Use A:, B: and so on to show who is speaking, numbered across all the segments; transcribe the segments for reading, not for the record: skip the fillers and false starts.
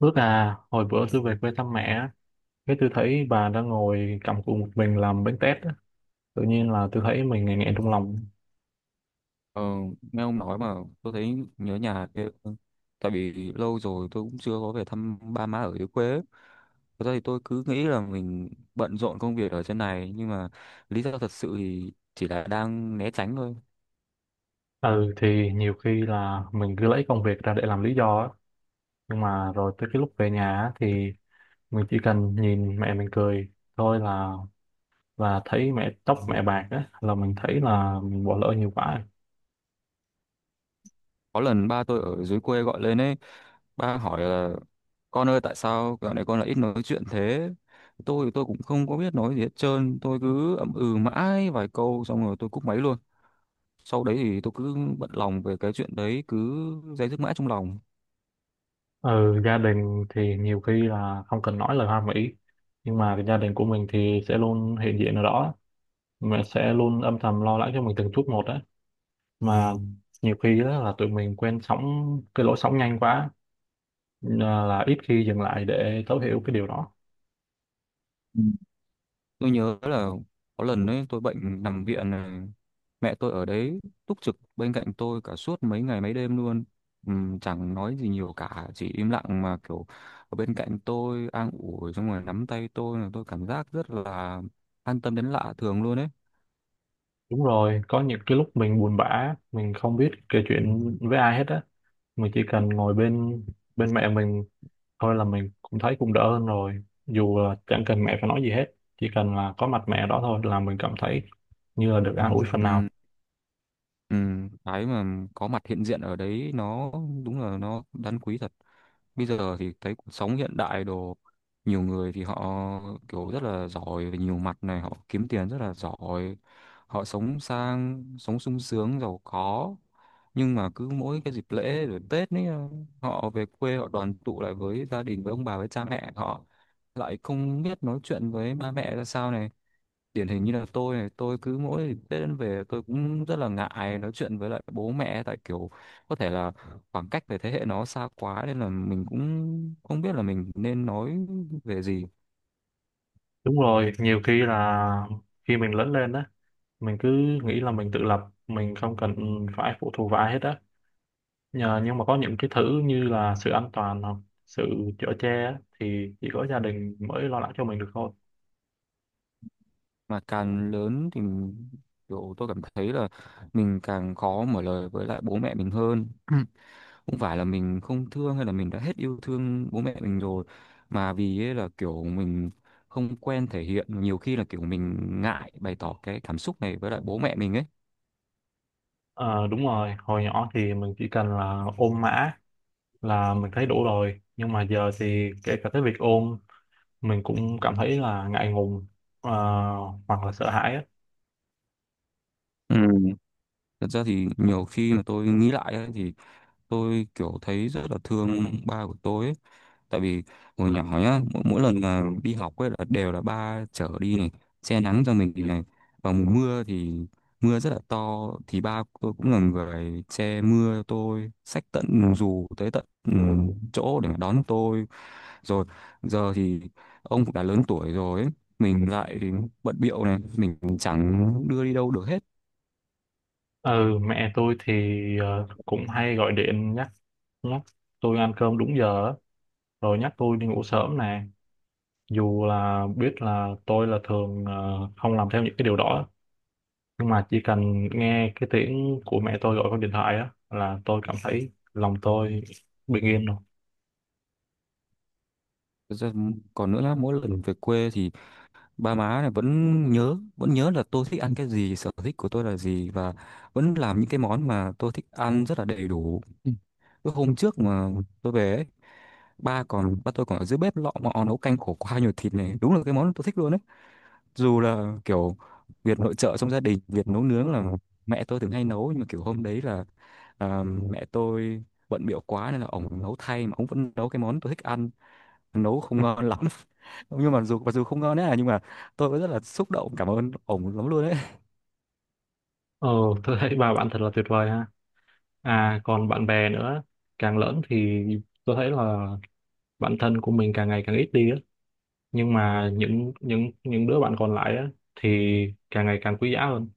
A: Rất là hồi bữa tôi về quê thăm mẹ á, cái tôi thấy bà đang ngồi cầm cuộn một mình làm bánh tét á. Tự nhiên là tôi thấy mình nghẹn nghẹn trong lòng.
B: Ờ, nghe ông nói mà tôi thấy nhớ nhà ghê. Tại vì lâu rồi tôi cũng chưa có về thăm ba má ở dưới quê ấy. Thật ra thì tôi cứ nghĩ là mình bận rộn công việc ở trên này, nhưng mà lý do thật sự thì chỉ là đang né tránh thôi.
A: Ừ thì nhiều khi là mình cứ lấy công việc ra để làm lý do á, nhưng mà rồi tới cái lúc về nhà á, thì mình chỉ cần nhìn mẹ mình cười thôi là thấy mẹ, tóc mẹ bạc á, là mình thấy là mình bỏ lỡ nhiều quá.
B: Có lần ba tôi ở dưới quê gọi lên ấy, ba hỏi là con ơi tại sao dạo này con lại ít nói chuyện thế? Tôi cũng không có biết nói gì hết trơn, tôi cứ ậm ừ mãi vài câu xong rồi tôi cúp máy luôn. Sau đấy thì tôi cứ bận lòng về cái chuyện đấy, cứ day dứt mãi trong lòng.
A: Ừ, gia đình thì nhiều khi là không cần nói lời hoa mỹ, nhưng mà cái gia đình của mình thì sẽ luôn hiện diện ở đó, mình sẽ luôn âm thầm lo lắng cho mình từng chút một đấy mà. Nhiều khi đó là tụi mình quen sóng, cái lỗi sóng nhanh quá là, ít khi dừng lại để thấu hiểu cái điều đó.
B: Ừ. Tôi nhớ là có lần ấy tôi bệnh nằm viện này, mẹ tôi ở đấy túc trực bên cạnh tôi cả suốt mấy ngày mấy đêm luôn. Chẳng nói gì nhiều cả, chỉ im lặng mà kiểu ở bên cạnh tôi an ủi xong rồi nắm tay tôi, là tôi cảm giác rất là an tâm đến lạ thường luôn ấy.
A: Đúng rồi, có những cái lúc mình buồn bã, mình không biết kể chuyện với ai hết á, mình chỉ cần ngồi bên bên mẹ mình thôi là mình cũng thấy cũng đỡ hơn rồi, dù là chẳng cần mẹ phải nói gì hết, chỉ cần là có mặt mẹ đó thôi là mình cảm thấy như là được an ủi phần nào.
B: Ừm, cái mà có mặt hiện diện ở đấy nó đúng là nó đáng quý thật. Bây giờ thì thấy cuộc sống hiện đại đồ, nhiều người thì họ kiểu rất là giỏi về nhiều mặt này, họ kiếm tiền rất là giỏi, họ sống sang, sống sung sướng giàu có, nhưng mà cứ mỗi cái dịp lễ rồi Tết ấy, họ về quê họ đoàn tụ lại với gia đình, với ông bà, với cha mẹ, họ lại không biết nói chuyện với ba mẹ ra sao này. Điển hình như là tôi này, tôi cứ mỗi Tết đến về tôi cũng rất là ngại nói chuyện với lại bố mẹ, tại kiểu có thể là khoảng cách về thế hệ nó xa quá nên là mình cũng không biết là mình nên nói về gì.
A: Đúng rồi, nhiều khi là khi mình lớn lên đó, mình cứ nghĩ là mình tự lập, mình không cần phải phụ thuộc vào ai hết á, nhờ nhưng mà có những cái thứ như là sự an toàn hoặc sự chở che á, thì chỉ có gia đình mới lo lắng cho mình được thôi.
B: Mà càng lớn thì mình- kiểu tôi cảm thấy là mình càng khó mở lời với lại bố mẹ mình hơn. Không phải là mình không thương hay là mình đã hết yêu thương bố mẹ mình rồi, mà vì ấy là kiểu mình không quen thể hiện, nhiều khi là kiểu mình ngại bày tỏ cái cảm xúc này với lại bố mẹ mình ấy.
A: Ờ, đúng rồi, hồi nhỏ thì mình chỉ cần là ôm mã là mình thấy đủ rồi, nhưng mà giờ thì kể cả cái việc ôm mình cũng cảm thấy là ngại ngùng, ờ, hoặc là sợ hãi á.
B: Ừ, thật ra thì nhiều khi mà tôi nghĩ lại ấy, thì tôi kiểu thấy rất là thương ba của tôi ấy. Tại vì hồi nhỏ nhá, mỗi lần mà đi học ấy là đều là ba chở đi này, che nắng cho mình thì này. Vào mùa mưa thì mưa rất là to, thì ba của tôi cũng là người che mưa cho tôi, xách tận dù tới tận chỗ để mà đón tôi. Rồi giờ thì ông cũng đã lớn tuổi rồi ấy. Mình lại bận bịu này, mình chẳng đưa đi đâu được hết.
A: Ừ, mẹ tôi thì cũng hay gọi điện nhắc nhắc tôi ăn cơm đúng giờ á, rồi nhắc tôi đi ngủ sớm nè, dù là biết là tôi là thường không làm theo những cái điều đó, nhưng mà chỉ cần nghe cái tiếng của mẹ tôi gọi con điện thoại á là tôi cảm thấy lòng tôi bình yên rồi.
B: Còn nữa là mỗi lần về quê thì ba má này vẫn vẫn nhớ là tôi thích ăn cái gì, sở thích của tôi là gì, và vẫn làm những cái món mà tôi thích ăn rất là đầy đủ. Ừ. Cái hôm trước mà tôi về ấy, ba tôi còn ở dưới bếp lọ mọ nấu canh khổ qua nhiều thịt này, đúng là cái món tôi thích luôn đấy. Dù là kiểu việc nội trợ trong gia đình, việc nấu nướng là mẹ tôi thường hay nấu, nhưng mà kiểu hôm đấy là, mẹ tôi bận bịu quá nên là ổng nấu thay, mà ổng vẫn nấu cái món tôi thích ăn. Nấu không ngon lắm nhưng mà dù mặc dù không ngon đấy à, nhưng mà tôi vẫn rất là xúc động, cảm ơn ổng lắm luôn đấy.
A: Ờ, tôi thấy ba bạn thật là tuyệt vời ha. À, còn bạn bè nữa, càng lớn thì tôi thấy là bạn thân của mình càng ngày càng ít đi á, nhưng mà những đứa bạn còn lại á thì càng ngày càng quý giá hơn.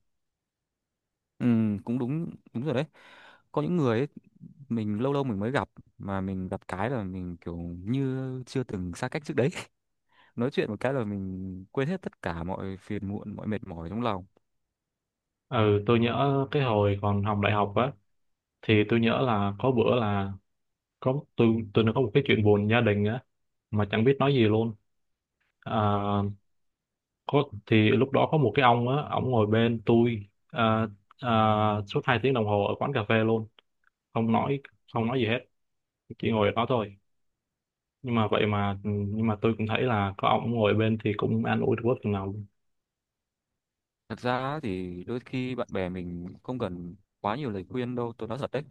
B: Ừ, cũng đúng, đúng rồi đấy. Có những người ấy, mình lâu lâu mình mới gặp, mà mình gặp cái là mình kiểu như chưa từng xa cách trước đấy. Nói chuyện một cái là mình quên hết tất cả mọi phiền muộn, mọi mệt mỏi trong lòng.
A: Ừ, tôi nhớ cái hồi còn học đại học á, thì tôi nhớ là có bữa là có tôi nó có một cái chuyện buồn gia đình á mà chẳng biết nói gì luôn. à, có thì lúc đó có một cái ông á, ông ngồi bên tôi à, suốt hai tiếng đồng hồ ở quán cà phê luôn, không nói không nói gì hết, chỉ ngồi ở đó thôi, nhưng mà tôi cũng thấy là có ông ngồi bên thì cũng an ủi được bớt phần nào luôn.
B: Thật ra thì đôi khi bạn bè mình không cần quá nhiều lời khuyên đâu, tôi nói thật đấy.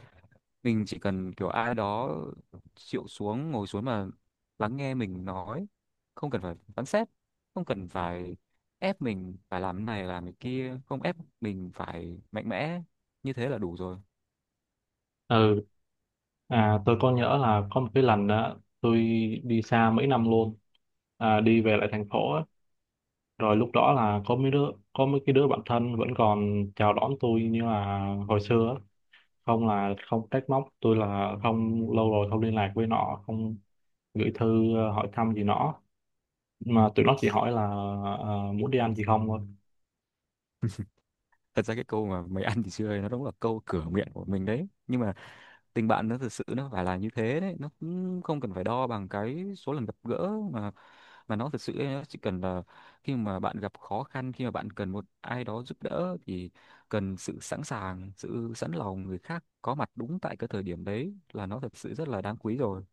B: Mình chỉ cần kiểu ai đó chịu xuống, ngồi xuống mà lắng nghe mình nói, không cần phải phán xét, không cần phải ép mình phải làm này làm cái kia, không ép mình phải mạnh mẽ, như thế là đủ rồi.
A: Ừ, à, tôi có nhớ là có một cái lần đó tôi đi xa mấy năm luôn à, đi về lại thành phố á, rồi lúc đó là có mấy cái đứa bạn thân vẫn còn chào đón tôi như là hồi xưa á. Không là không trách móc tôi là không lâu rồi không liên lạc với nó, không gửi thư hỏi thăm gì nó, mà tụi nó chỉ hỏi là muốn đi ăn gì không thôi.
B: Thật ra cái câu mà mày ăn thì chưa ấy, nó đúng là câu cửa miệng của mình đấy, nhưng mà tình bạn nó thực sự nó phải là như thế đấy, nó cũng không cần phải đo bằng cái số lần gặp gỡ, mà nó thực sự ấy, nó chỉ cần là khi mà bạn gặp khó khăn, khi mà bạn cần một ai đó giúp đỡ thì cần sự sẵn sàng, sự sẵn lòng, người khác có mặt đúng tại cái thời điểm đấy, là nó thật sự rất là đáng quý rồi.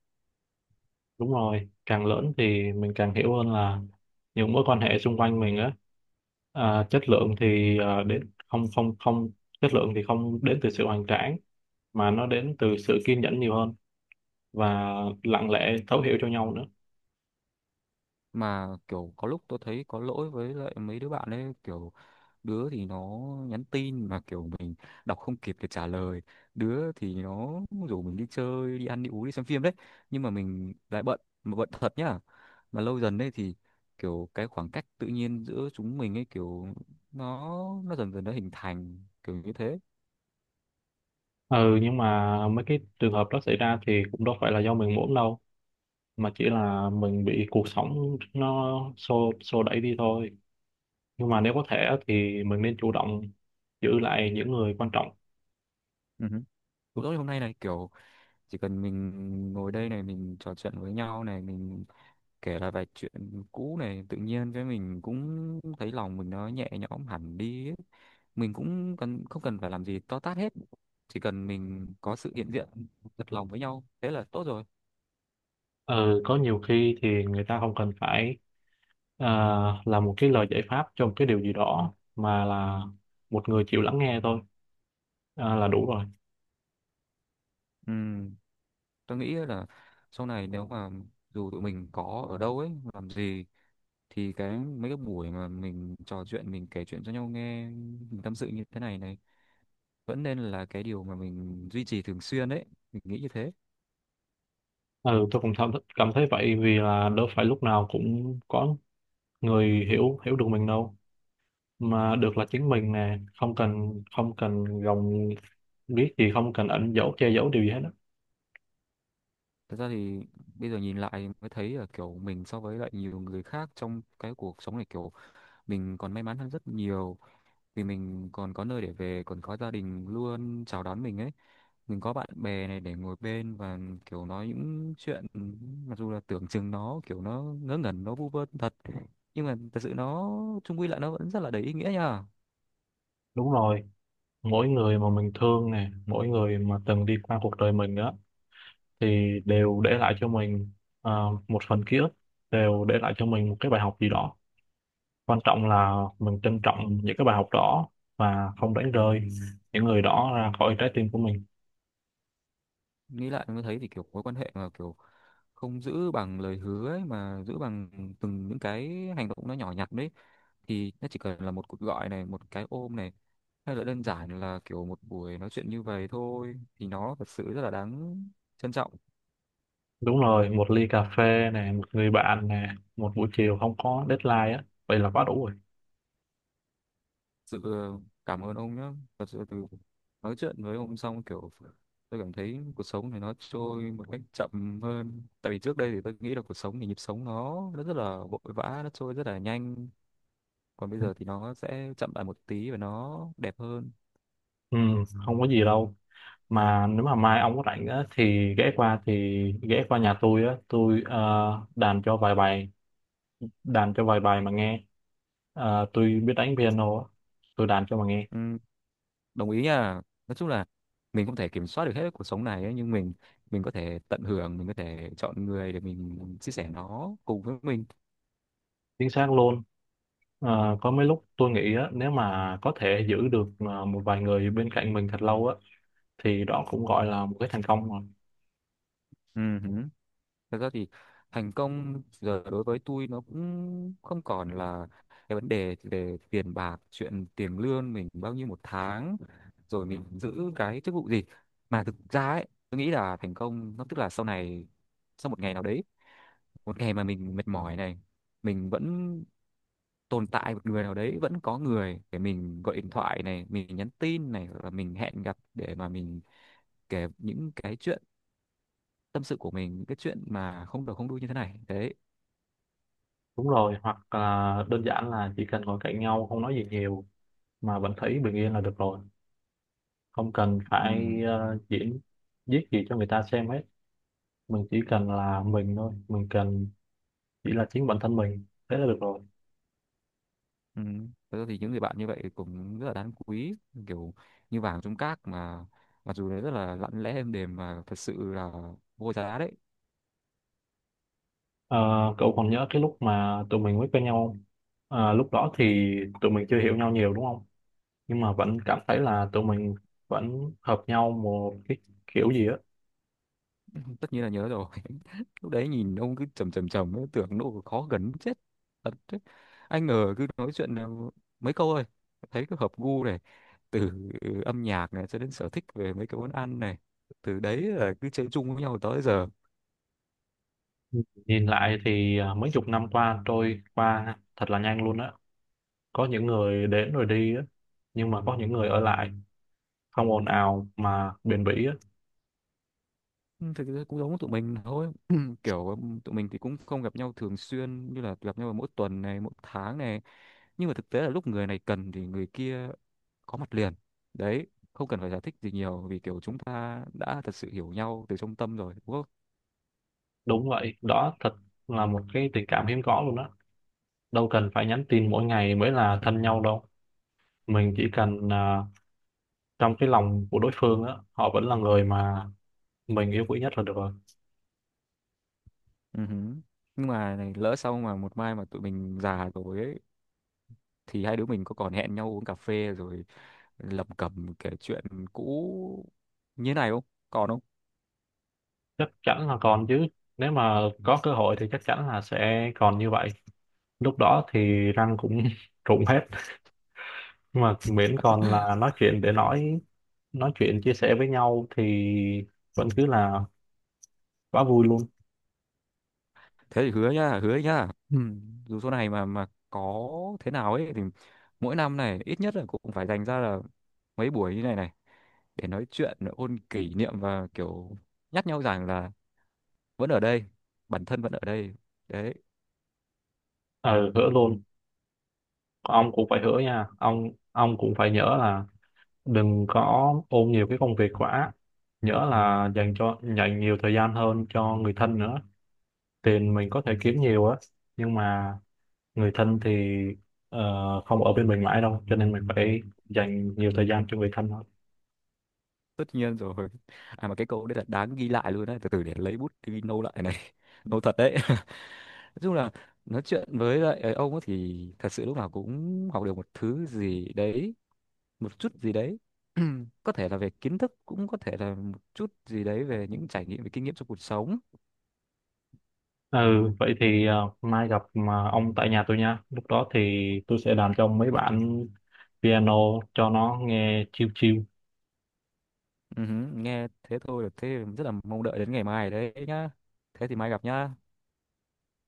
A: Đúng rồi, càng lớn thì mình càng hiểu hơn là những mối quan hệ xung quanh mình á, chất lượng thì đến không không không chất lượng thì không đến từ sự hoành tráng, mà nó đến từ sự kiên nhẫn nhiều hơn và lặng lẽ thấu hiểu cho nhau nữa.
B: Mà kiểu có lúc tôi thấy có lỗi với lại mấy đứa bạn ấy, kiểu đứa thì nó nhắn tin mà kiểu mình đọc không kịp để trả lời, đứa thì nó rủ mình đi chơi, đi ăn, đi uống, đi xem phim đấy, nhưng mà mình lại bận, mà bận thật nhá. Mà lâu dần đấy thì kiểu cái khoảng cách tự nhiên giữa chúng mình ấy, kiểu nó nó dần dần nó hình thành kiểu như thế.
A: Ừ, nhưng mà mấy cái trường hợp đó xảy ra thì cũng đâu phải là do mình muốn đâu, mà chỉ là mình bị cuộc sống nó xô xô đẩy đi thôi, nhưng mà nếu có thể á, thì mình nên chủ động giữ lại những người quan trọng.
B: Ừ. Hứ. Cũng giống như hôm nay này, kiểu chỉ cần mình ngồi đây này, mình trò chuyện với nhau này, mình kể lại vài chuyện cũ này, tự nhiên cái mình cũng thấy lòng mình nó nhẹ nhõm hẳn đi ấy. Mình cũng cần không cần phải làm gì to tát hết, chỉ cần mình có sự hiện diện thật lòng với nhau, thế là tốt rồi.
A: Ừ, có nhiều khi thì người ta không cần phải à, là một cái lời giải pháp cho một cái điều gì đó, mà là một người chịu lắng nghe thôi, là đủ rồi.
B: Ừ, tôi nghĩ là sau này nếu mà dù tụi mình có ở đâu ấy, làm gì, thì cái mấy cái buổi mà mình trò chuyện, mình kể chuyện cho nhau nghe, mình tâm sự như thế này này, vẫn nên là cái điều mà mình duy trì thường xuyên đấy, mình nghĩ như thế.
A: Ừ, tôi cũng cảm cảm thấy vậy, vì là đâu phải lúc nào cũng có người hiểu hiểu được mình đâu, mà được là chính mình nè, không cần gồng, biết gì, không cần ẩn dấu che giấu điều gì hết đó.
B: Thật ra thì bây giờ nhìn lại mới thấy là kiểu mình so với lại nhiều người khác trong cái cuộc sống này, kiểu mình còn may mắn hơn rất nhiều, vì mình còn có nơi để về, còn có gia đình luôn chào đón mình ấy, mình có bạn bè này để ngồi bên, và kiểu nói những chuyện mặc dù là tưởng chừng nó kiểu nó ngớ ngẩn, nó vu vơ thật, nhưng mà thật sự nó chung quy lại nó vẫn rất là đầy ý nghĩa nha.
A: Đúng rồi, mỗi người mà mình thương nè, mỗi người mà từng đi qua cuộc đời mình đó, thì đều để lại cho mình một phần ký ức, đều để lại cho mình một cái bài học gì đó. Quan trọng là mình trân trọng những cái bài học đó, và không đánh rơi những người đó ra khỏi trái tim của mình.
B: Nghĩ lại mới thấy thì kiểu mối quan hệ mà kiểu không giữ bằng lời hứa ấy, mà giữ bằng từng những cái hành động nó nhỏ nhặt đấy, thì nó chỉ cần là một cuộc gọi này, một cái ôm này, hay là đơn giản là kiểu một buổi nói chuyện như vậy thôi, thì nó thật sự rất là đáng trân trọng.
A: Đúng rồi, một ly cà phê nè, một người bạn nè, một buổi chiều không có deadline á, vậy là quá đủ rồi.
B: Sự cảm ơn ông nhé. Thật sự từ nói chuyện với ông xong kiểu tôi cảm thấy cuộc sống này nó trôi một cách chậm hơn, tại vì trước đây thì tôi nghĩ là cuộc sống thì nhịp sống nó rất là vội vã, nó trôi rất là nhanh, còn bây giờ thì nó sẽ chậm lại một tí và nó đẹp hơn.
A: Ừ, không có gì đâu, mà nếu mà mai ông có rảnh á, thì ghé qua nhà tôi á, tôi đàn cho vài bài mà nghe. Ờ, tôi biết đánh piano á, tôi đàn cho mà nghe.
B: Ừ, đồng ý nha. Nói chung là mình không thể kiểm soát được hết cuộc sống này ấy, nhưng mình có thể tận hưởng, mình có thể chọn người để mình chia sẻ nó cùng với mình.
A: Chính xác luôn. Ờ, có mấy lúc tôi nghĩ á, nếu mà có thể giữ được một vài người bên cạnh mình thật lâu á, thì đó cũng gọi là một cái thành công rồi.
B: Ừ. Hứ. Thật ra thì thành công giờ đối với tôi nó cũng không còn là cái vấn đề về tiền bạc, chuyện tiền lương mình bao nhiêu một tháng, rồi mình giữ cái chức vụ gì, mà thực ra ấy tôi nghĩ là thành công nó tức là sau này, sau một ngày nào đấy, một ngày mà mình mệt mỏi này, mình vẫn tồn tại một người nào đấy, vẫn có người để mình gọi điện thoại này, mình nhắn tin này, hoặc là mình hẹn gặp để mà mình kể những cái chuyện tâm sự của mình, những cái chuyện mà không đầu không đuôi như thế này đấy.
A: Đúng rồi, hoặc là đơn giản là chỉ cần ngồi cạnh nhau không nói gì nhiều mà vẫn thấy bình yên là được rồi, không cần
B: Ừ,
A: phải diễn viết gì cho người ta xem hết. Mình chỉ cần là mình thôi, mình cần chỉ là chính bản thân mình, thế là được rồi.
B: ừ. Thật ra thì những người bạn như vậy cũng rất là đáng quý, kiểu như vàng trong cát mà, mặc dù nó rất là lặng lẽ êm đềm, mà thật sự là vô giá đấy.
A: Ờ, cậu còn nhớ cái lúc mà tụi mình mới quen nhau không? Ờ, lúc đó thì tụi mình chưa hiểu nhau nhiều đúng không, nhưng mà vẫn cảm thấy là tụi mình vẫn hợp nhau một cái kiểu gì á.
B: Tất nhiên là nhớ rồi. Lúc đấy nhìn ông cứ trầm trầm trầm ấy, tưởng nó khó gần muốn chết, thật đấy. Anh ở cứ nói chuyện là mấy câu thôi thấy cứ hợp gu này, từ âm nhạc này cho đến sở thích về mấy cái món ăn này, từ đấy là cứ chơi chung với nhau tới giờ.
A: Nhìn lại thì mấy chục năm qua trôi qua thật là nhanh luôn á. Có những người đến rồi đi á, nhưng mà có những người ở lại, không ồn ào mà bền bỉ á.
B: Ừ, thực ra cũng giống tụi mình thôi. Kiểu tụi mình thì cũng không gặp nhau thường xuyên, như là gặp nhau mỗi tuần này, mỗi tháng này, nhưng mà thực tế là lúc người này cần thì người kia có mặt liền đấy, không cần phải giải thích gì nhiều, vì kiểu chúng ta đã thật sự hiểu nhau từ trong tâm rồi đúng không.
A: Đúng vậy đó, thật là một cái tình cảm hiếm có luôn á. Đâu cần phải nhắn tin mỗi ngày mới là thân nhau đâu, mình chỉ cần trong cái lòng của đối phương á, họ vẫn là người mà mình yêu quý nhất là được rồi.
B: Ừ. Hứ. Nhưng mà này, lỡ sau mà một mai mà tụi mình già rồi ấy, thì hai đứa mình có còn hẹn nhau uống cà phê rồi lẩm cẩm kể chuyện cũ như này không, còn không?
A: Chắc chắn là còn chứ, nếu mà có cơ hội thì chắc chắn là sẽ còn như vậy. Lúc đó thì răng cũng rụng hết, mà miễn còn là nói chuyện để nói chuyện chia sẻ với nhau thì vẫn cứ là quá vui luôn.
B: Thế thì hứa nhá, hứa nhá. Ừ. Dù số này mà có thế nào ấy, thì mỗi năm này ít nhất là cũng phải dành ra là mấy buổi như này này, để nói chuyện ôn kỷ niệm, và kiểu nhắc nhau rằng là vẫn ở đây, bản thân vẫn ở đây đấy.
A: Ờ, hứa luôn. Ông cũng phải hứa nha ông cũng phải nhớ là đừng có ôm nhiều cái công việc quá, nhỡ là dành nhiều thời gian hơn cho người thân nữa. Tiền mình có thể kiếm nhiều á, nhưng mà người thân thì không ở bên mình mãi đâu, cho nên mình phải dành nhiều thời gian cho người thân thôi.
B: Tất nhiên rồi. À mà cái câu đấy là đáng ghi lại luôn đấy, từ từ để lấy bút đi nâu lại này. Nâu thật đấy. Nói chung là nói chuyện với lại ông ấy thì thật sự lúc nào cũng học được một thứ gì đấy, một chút gì đấy. Có thể là về kiến thức, cũng có thể là một chút gì đấy về những trải nghiệm, về kinh nghiệm trong cuộc sống.
A: Ừ, vậy thì mai gặp mà ông tại nhà tôi nha. Lúc đó thì tôi sẽ làm cho ông mấy bản piano cho nó nghe chill chill.
B: Ừ hứ, nghe thế thôi là thế rất là mong đợi đến ngày mai đấy nhá. Thế thì mai gặp nhá.